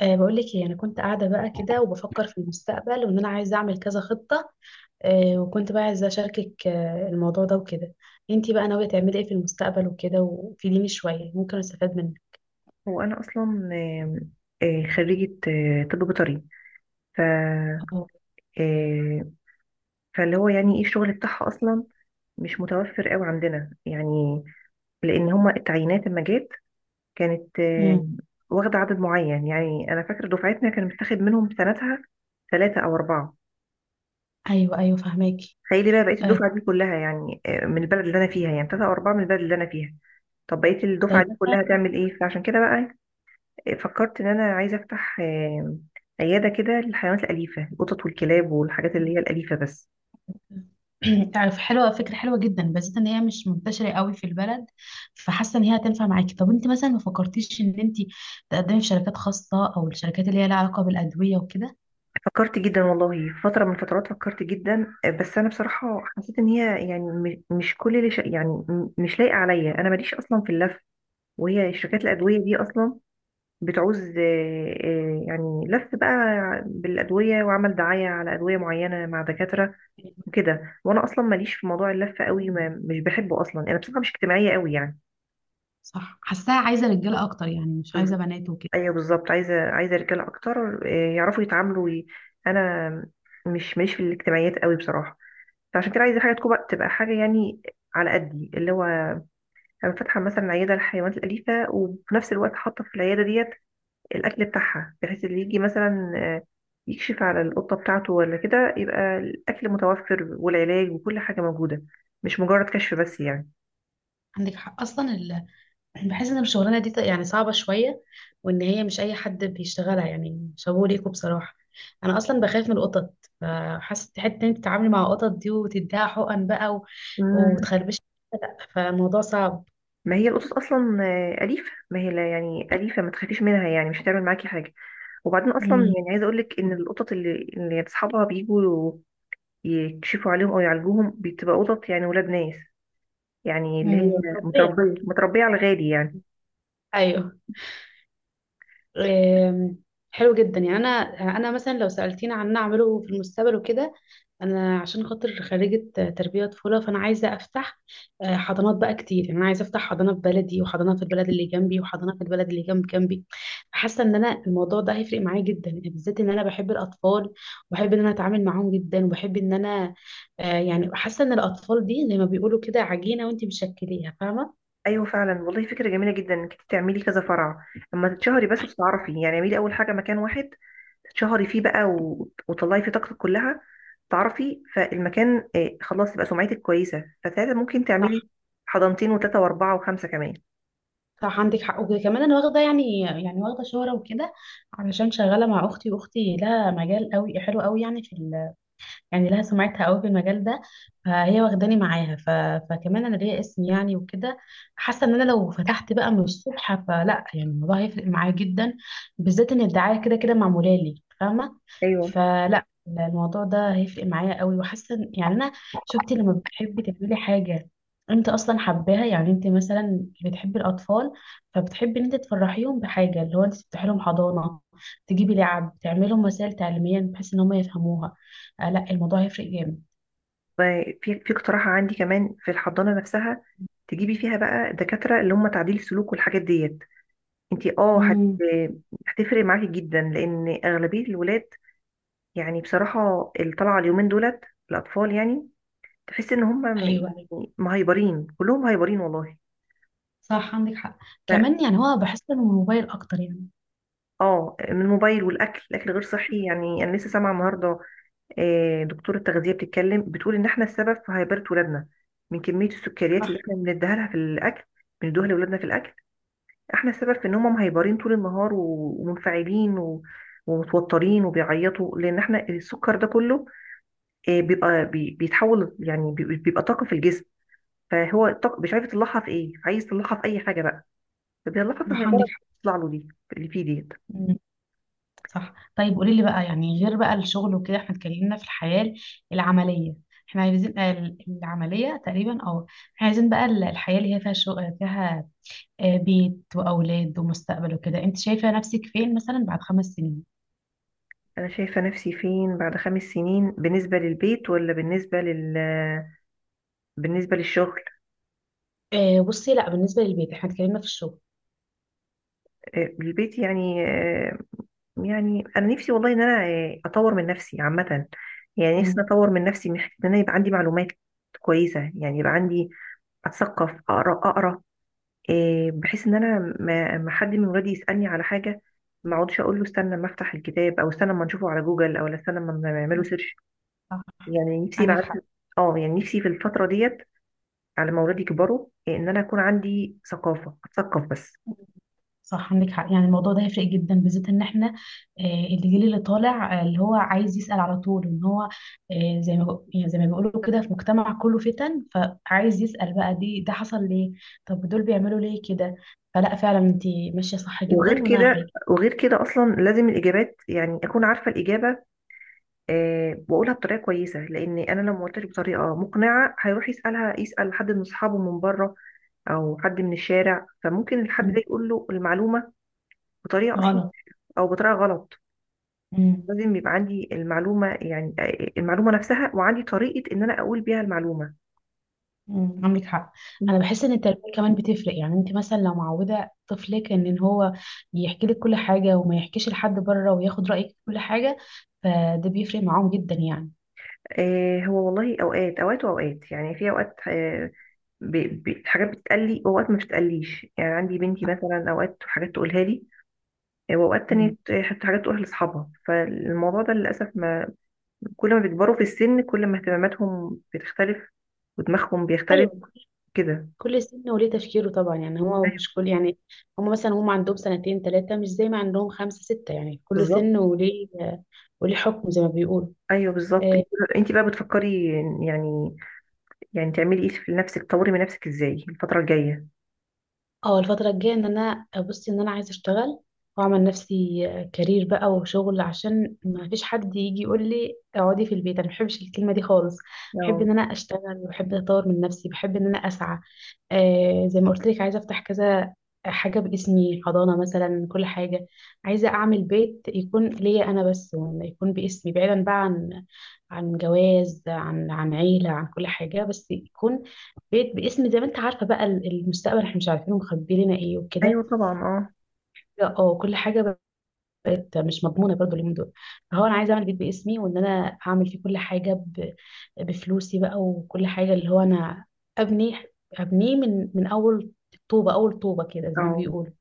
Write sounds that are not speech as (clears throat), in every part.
بقول لك ايه، انا كنت قاعده بقى كده وبفكر في المستقبل وان انا عايزه اعمل كذا خطه. وكنت بقى عايزه اشاركك الموضوع ده وكده. انتي بقى ناويه تعملي ايه في المستقبل وكده؟ وفيديني شويه ممكن استفاد منك. هو أنا أصلا خريجة طب بيطري. ف اه. آه، فاللي هو يعني ايه الشغل بتاعها أصلا مش متوفر قوي عندنا يعني، لأن هما التعيينات لما جت كانت امم. واخدة عدد معين. يعني أنا فاكرة دفعتنا كان متاخد منهم سنتها 3 أو 4. ايوه، ايوه، فهماكي. تخيلي بقى بقيت أه الدفعة دي كلها يعني من البلد اللي أنا فيها، يعني 3 أو 4 من البلد اللي أنا فيها. طب بقيت الدفعة طيب دي مثلا. كلها تعمل إيه؟ فعشان كده بقى فكرت إن أنا عايزة أفتح عيادة كده للحيوانات الأليفة، القطط والكلاب والحاجات اللي هي الأليفة بس. (clears throat) عارف، حلوه، فكره حلوه جدا، بس ان هي مش منتشره قوي في البلد، فحاسه ان هي هتنفع معاكي. طب انت مثلا ما فكرتيش ان انت تقدمي في شركات خاصه، او الشركات اللي هي لها علاقه بالادويه وكده؟ فكرت جدا والله، فترة من الفترات فكرت جدا، بس أنا بصراحة حسيت إن هي يعني م- مش كل اللي ش... يعني م- مش لايقة عليا. أنا ماليش أصلا في اللف، وهي شركات الأدوية دي أصلا بتعوز يعني لف بقى بالأدوية وعمل دعاية على أدوية معينة مع دكاترة وكده. وأنا أصلا ماليش في موضوع اللف قوي، ما مش بحبه أصلا. أنا بصراحة مش اجتماعية قوي يعني. صح، حاساها عايزه رجاله اكتر يعني، مش عايزه بنات وكده. ايوه بالظبط، عايزه رجاله اكتر، يعرفوا يتعاملوا انا مش في الاجتماعيات قوي بصراحه. فعشان كده عايزه حاجه تبقى حاجه يعني على قدي. اللي هو انا فاتحه مثلا عياده للحيوانات الاليفه، وفي نفس الوقت حاطه في العياده ديت الاكل بتاعها، بحيث اللي يجي مثلا يكشف على القطه بتاعته ولا كده يبقى الاكل متوفر والعلاج وكل حاجه موجوده، مش مجرد كشف بس يعني. عندك حق، اصلا. بحس ان الشغلانه دي يعني صعبه شويه، وان هي مش اي حد بيشتغلها يعني. شابوه ليكوا بصراحه. انا اصلا بخاف من القطط، فحاسه حته ان انت تتعاملي مع القطط دي وتديها حقن بقى مم. وتخربش. لا، فالموضوع صعب. ما هي القطط اصلا اليفه، ما هي لا يعني اليفه، ما تخافيش منها يعني مش هتعمل معاكي حاجه. وبعدين اصلا امم. يعني عايزه اقول لك ان القطط اللي يعني اصحابها بيجوا يكشفوا عليهم او يعالجوهم، بتبقى قطط يعني ولاد ناس، يعني اللي هي امم، مربيه. متربيه على الغالي يعني. ايوه. آم، حلو جدا يعني. انا مثلا لو سالتيني عن اعمله في المستقبل وكده، انا عشان خاطر خريجه تربيه طفوله، فانا عايزه افتح حضانات بقى كتير. يعني انا عايزه افتح حضانه في بلدي، وحضانه في البلد اللي جنبي، وحضانه في البلد اللي جنب جنبي. حاسه ان انا الموضوع ده هيفرق معايا جدا يعني، بالذات ان انا بحب الاطفال، وبحب ان انا اتعامل معاهم جدا، وبحب ان انا يعني حاسه ان الاطفال دي زي ما بيقولوا كده عجينه وانت مشكليها، فاهمه؟ ايوه فعلا والله فكره جميله جدا انك إنتي تعملي كذا فرع، اما تتشهري بس وتتعرفي يعني. اعملي اول حاجه مكان واحد تتشهري فيه بقى وتطلعي فيه طاقتك كلها، تعرفي فالمكان، خلاص يبقى سمعتك كويسه، فساعتها ممكن صح. تعملي حضانتين وثلاثه واربعه وخمسه كمان. صح، عندك حق. وكمان انا واخده يعني واخده شهره وكده، علشان شغاله مع اختي، واختي لها مجال قوي حلو قوي يعني، في، يعني لها سمعتها قوي في المجال ده، فهي واخداني معاها. فكمان انا ليا اسم يعني وكده، حاسه ان انا لو فتحت بقى من الصبح فلا، يعني الموضوع هيفرق معايا جدا، بالذات ان الدعايه كده كده معموله لي، فاهمه؟ ايوه فلا، الموضوع ده هيفرق معايا قوي، يعني انا شفتي لما بتحبي تعملي حاجه انت اصلا حباها، يعني انت مثلا بتحبي الاطفال، فبتحبي ان انت تفرحيهم بحاجه، اللي هو انت تفتحي لهم حضانه، تجيبي لعب، تعملي لهم وسائل تعليميه بحيث ان هم يفهموها. لا، الموضوع هيفرق جامد. في في اقتراح عندي كمان في الحضانة نفسها، تجيبي فيها بقى دكاترة اللي هم تعديل سلوك والحاجات ديت. انت اه هت... امم. هتفرق معاكي جدا لان اغلبية الولاد يعني بصراحة اللي طالعة اليومين دولت الاطفال يعني، تحس ان هم يعني ايوه، ايوه مهيبرين، كلهم هايبرين والله. صح عندك حق. ف- كمان يعني هو بحس انه الموبايل اكتر يعني. اه من الموبايل والاكل. الاكل غير صحي يعني. انا لسه سامعه النهارده دكتور التغذيه بتتكلم، بتقول ان احنا السبب في هيبره ولادنا من كميه السكريات صح. اللي احنا بنديها لها في الاكل، بندوها لاولادنا في الاكل. احنا السبب في ان هم مهيبرين طول النهار ومنفعلين ومتوترين وبيعيطوا، لان احنا السكر ده كله بيبقى بيتحول يعني بيبقى طاقه في الجسم. فهو الطاقه مش عارف يطلعها في ايه، عايز يطلعها في اي حاجه بقى فبيطلعها في صح، الهيبره عندك اللي حق. بتطلع له دي، اللي فيه ديت. مم. صح، طيب قولي لي بقى، يعني غير بقى الشغل وكده، احنا اتكلمنا في الحياة العملية. احنا عايزين العملية تقريبا، اه احنا عايزين بقى الحياة اللي هي فيها شغل، فيها بيت وأولاد ومستقبل وكده. انت شايفة نفسك فين مثلا بعد 5 سنين؟ انا شايفه نفسي فين بعد 5 سنين، بالنسبه للبيت ولا بالنسبه لل بالنسبه للشغل؟ مم. بصي، لا، بالنسبة للبيت احنا اتكلمنا في الشغل. البيت يعني، يعني انا نفسي والله ان انا اطور من نفسي عامه. يعني نفسي مم. اطور من نفسي من حته ان انا يبقى عندي معلومات كويسه، يعني يبقى عندي، اتثقف، اقرا بحيث ان انا ما حد من ولادي يسالني على حاجه، ما اقعدش اقول له استنى اما افتح الكتاب، او استنى اما نشوفه على جوجل، او استنى اما نعمله مم. سيرش. صح، يعني نفسي يبقى عندك حق. عندي، اه يعني نفسي في الفتره ديت على ما ولادي يكبروا ان انا يكون عندي ثقافه، اتثقف بس. صح، عندك حق. يعني الموضوع ده هيفرق جدا، بالذات ان احنا الجيل اللي طالع، اللي هو عايز يسأل على طول، ان هو زي ما يعني زي ما بيقولوا كده، في مجتمع كله فتن، فعايز يسأل بقى، ده حصل ليه، طب دول بيعملوا ليه كده. فلا فعلا انت ماشية صح وغير جدا. وانا حاجة. كده، وغير كده اصلا لازم الاجابات يعني اكون عارفه الاجابه. أه، واقولها بطريقه كويسه، لان انا لو ما قلتش بطريقه مقنعه هيروح يسالها، يسال حد من اصحابه من بره، او حد من الشارع، فممكن الحد مم. ده يقول له المعلومه بطريقه اصلا، غلط. او بطريقه غلط. لازم يبقى عندي المعلومه، يعني المعلومه نفسها، وعندي طريقه ان انا اقول بيها المعلومه. مم، عندك حق. انا بحس ان التربيه كمان بتفرق، يعني انت مثلا لو معوده طفلك إن هو يحكي لك كل حاجه وما يحكيش لحد بره، وياخد رايك في كل حاجه، فده بيفرق معاهم جدا يعني. آه، هو والله اوقات اوقات واوقات يعني، في اوقات ب... حاجات بتتقلي، واوقات ما بتتقليش. يعني عندي بنتي مثلا اوقات حاجات تقولها لي، واوقات تانية مم. حتى حاجات تقولها لاصحابها. فالموضوع ده للاسف ما، كل ما بيكبروا في السن كل ما اهتماماتهم بتختلف ودماغهم بيختلف ايوه، كده. كل سن وليه تفكيره طبعا، يعني هو مش كل يعني، هم مثلا هم عندهم سنتين ثلاثه، مش زي ما عندهم خمسه سته. يعني كل سن بالظبط، وليه حكم زي ما بيقولوا. ايوه بالظبط. انت بقى بتفكري يعني، يعني تعملي ايه في نفسك؟ تطوري من نفسك ازاي الفتره الجايه؟ اه، الفترة الجاية ان انا ابص ان انا عايزة اشتغل واعمل نفسي كارير بقى وشغل، عشان ما فيش حد يجي يقول لي اقعدي في البيت. انا ما بحبش الكلمة دي خالص. بحب اه، ان انا اشتغل، وبحب اطور من نفسي، بحب ان انا اسعى. زي ما قلت لك، عايزة افتح كذا حاجة باسمي، حضانة مثلا، كل حاجة. عايزة اعمل بيت يكون ليا انا بس، ولا يكون باسمي، بعيدا بقى عن جواز، عن عيلة، عن كل حاجة، بس يكون بيت باسم، زي ما انت عارفه بقى المستقبل احنا مش عارفين مخبي لنا ايه ايوه وكده. طبعا، اه، لا اه، كل حاجه بقت مش مضمونه برضو اليومين دول. فهو انا عايزه اعمل بيت باسمي، وان انا اعمل فيه كل حاجه بفلوسي بقى، وكل حاجه اللي هو انا ابني، ابنيه من اول طوبه، اول طوبه كده زي ما اه. بيقولوا.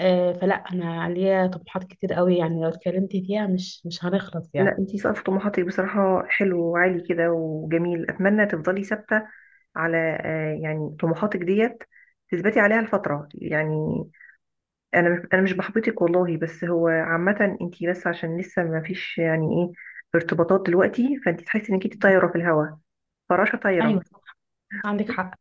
فلا، انا ليا طموحات كتير قوي، يعني لو اتكلمت فيها مش هنخلص لا يعني. انت سقف طموحاتك بصراحه حلو وعالي كده وجميل. اتمنى تفضلي ثابته على يعني طموحاتك ديت، تثبتي عليها الفتره يعني. انا مش بحبطك والله، بس هو عامه انت بس عشان لسه ما فيش يعني ايه ارتباطات دلوقتي، فانت تحسي انك انت طايره في الهواء، فراشه طايره. ايوه، صح. عندك حق.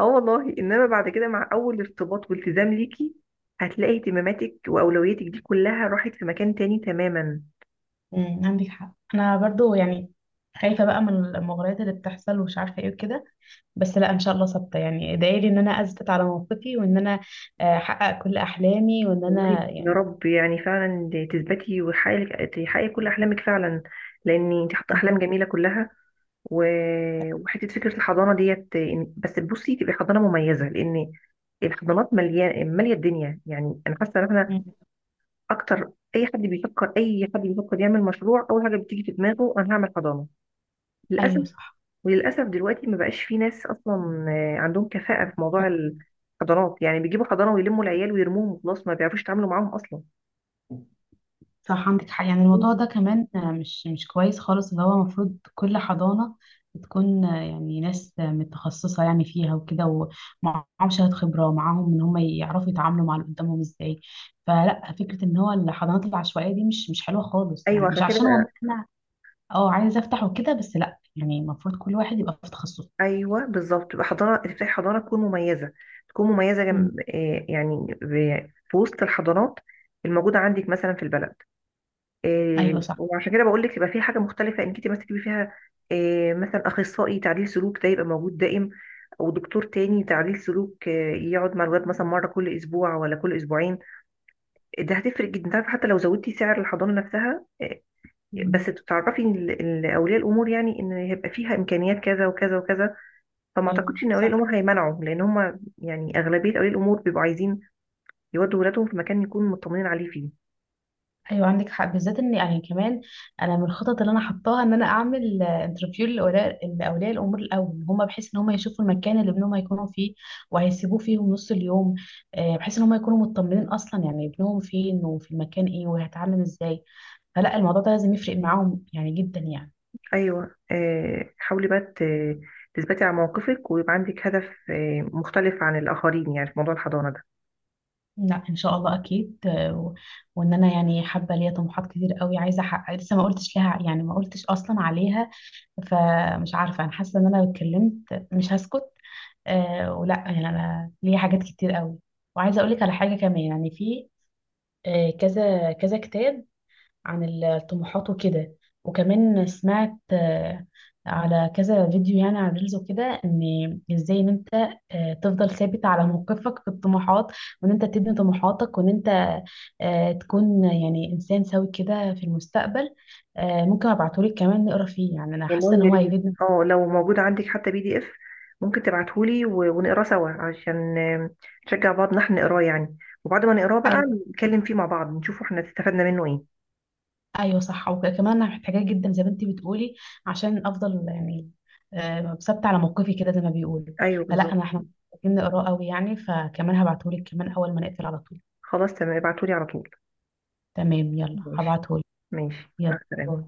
اه والله، انما بعد كده مع اول ارتباط والتزام ليكي هتلاقي اهتماماتك واولوياتك دي كلها راحت في مكان تاني تماما. امم، عندك حق. انا برضو يعني خايفه بقى من المغريات اللي بتحصل ومش عارفه ايه وكده، بس لا ان شاء الله ثابته يعني. ادعي لي ان انا اثبت على موقفي، وان انا احقق كل احلامي، وان والله انا يا يعني. رب يعني فعلا تثبتي، وحقيقي تحققي كل احلامك فعلا، لان انت حاطه م- احلام جميله كلها. وحته فكره الحضانه ديت، بس بصي تبقى حضانه مميزه، لان الحضانات مليانه ماليه الدنيا يعني. انا حاسه ان احنا م- اكتر، اي حد بيفكر، اي حد بيفكر يعمل مشروع اول حاجه بتيجي في دماغه انا هعمل حضانه، للاسف. ايوه صح. وللاسف دلوقتي ما بقاش في ناس اصلا عندهم كفاءه في موضوع طب الحضانات، يعني بيجيبوا حضانه ويلموا العيال ويرموهم وخلاص، ما بيعرفوش يتعاملوا معاهم اصلا. صح عندك حق. يعني الموضوع ده كمان مش كويس خالص، اللي هو المفروض كل حضانه بتكون يعني ناس متخصصه يعني فيها وكده، ومعاهم شهاده خبره، ومعاهم ان هم يعرفوا يتعاملوا مع اللي قدامهم ازاي. فلا، فكره ان هو الحضانات العشوائيه دي مش حلوه خالص يعني، ايوه مش عشان كده. عشان والله انا اه عايزه افتح وكده، بس لا يعني المفروض كل واحد يبقى في تخصصه. ايوه بالظبط، تبقى حضاره، تفتحي حضاره تكون مميزه، تكون مميزه مم. جم... آه، يعني في وسط الحضارات الموجوده عندك مثلا في البلد. ايوه صح. وعشان كده بقول لك يبقى في حاجه مختلفه، انك انت مثلا تجيبي فيها مثلا اخصائي تعديل سلوك ده يبقى موجود دائم، او دكتور تاني تعديل سلوك يقعد مع الولاد مثلا مره كل اسبوع ولا كل اسبوعين. ده هتفرق جدا، تعرف حتى لو زودتي سعر الحضانه نفسها بس مم. تعرفي إن اولياء الامور، يعني ان هيبقى فيها امكانيات كذا وكذا وكذا، فما ايوه اعتقدش ان اولياء صح. الامور هيمنعوا، لان هم يعني اغلبيه اولياء الامور بيبقوا عايزين يودوا ولادهم في مكان يكون مطمنين عليه فيه. ايوه عندك حق، بالذات ان يعني كمان انا من الخطط اللي انا حطاها ان انا اعمل انترفيو لاولياء الامور الاول، ان هم بحيث ان هم يشوفوا المكان اللي ابنهم هيكونوا فيه وهيسيبوه فيهم نص اليوم، بحيث ان هم يكونوا مطمنين اصلا، يعني ابنهم فين وفي المكان ايه وهيتعامل ازاي. فلا، الموضوع ده لازم يفرق معاهم يعني جدا يعني. ايوه، آه حاولي بقى تثبتي على موقفك، ويبقى عندك هدف آه مختلف عن الاخرين يعني في موضوع الحضانه ده. لا، ان شاء الله اكيد وان انا يعني حابه، ليا طموحات كتير قوي عايزه احقق، لسه ما قلتش لها يعني، ما قلتش اصلا عليها، فمش عارفة. أنا حاسة إن أنا لو اتكلمت مش هسكت. ولا يعني أنا ليا حاجات كتير قوي، وعايزة أقولك على حاجة كمان. يعني في كذا كذا كتاب عن الطموحات وكده، وكمان سمعت على كذا فيديو يعني على ريلز وكده، إن إزاي إن أنت تفضل ثابت على موقفك في الطموحات، وإن أنت تبني طموحاتك، وإن أنت تكون يعني إنسان سوي كده في المستقبل. ممكن أبعتهولك كمان نقرا فيه، يعني أنا حاسة إن والله يا هو ريت، هيفيدنا. اه لو موجود عندك حتى PDF ممكن تبعتهولي ونقراه سوا، عشان نشجع بعض ان احنا نقراه يعني. وبعد ما نقراه بقى نتكلم فيه مع بعض، نشوف احنا استفدنا منه ايه. ايوه صح، وكمان انا محتاجاه جدا زي ما انت بتقولي، عشان افضل يعني ثابته على موقفي كده زي ما بيقولوا. ايوه فلا بالظبط. انا، احنا محتاجين نقراه قوي يعني، فكمان هبعتهولك كمان اول ما نقفل على طول. خلاص تمام، ابعتهولي على طول. تمام يلا، ماشي، هبعتهولك. ماشي مع يلا. باي. السلامه.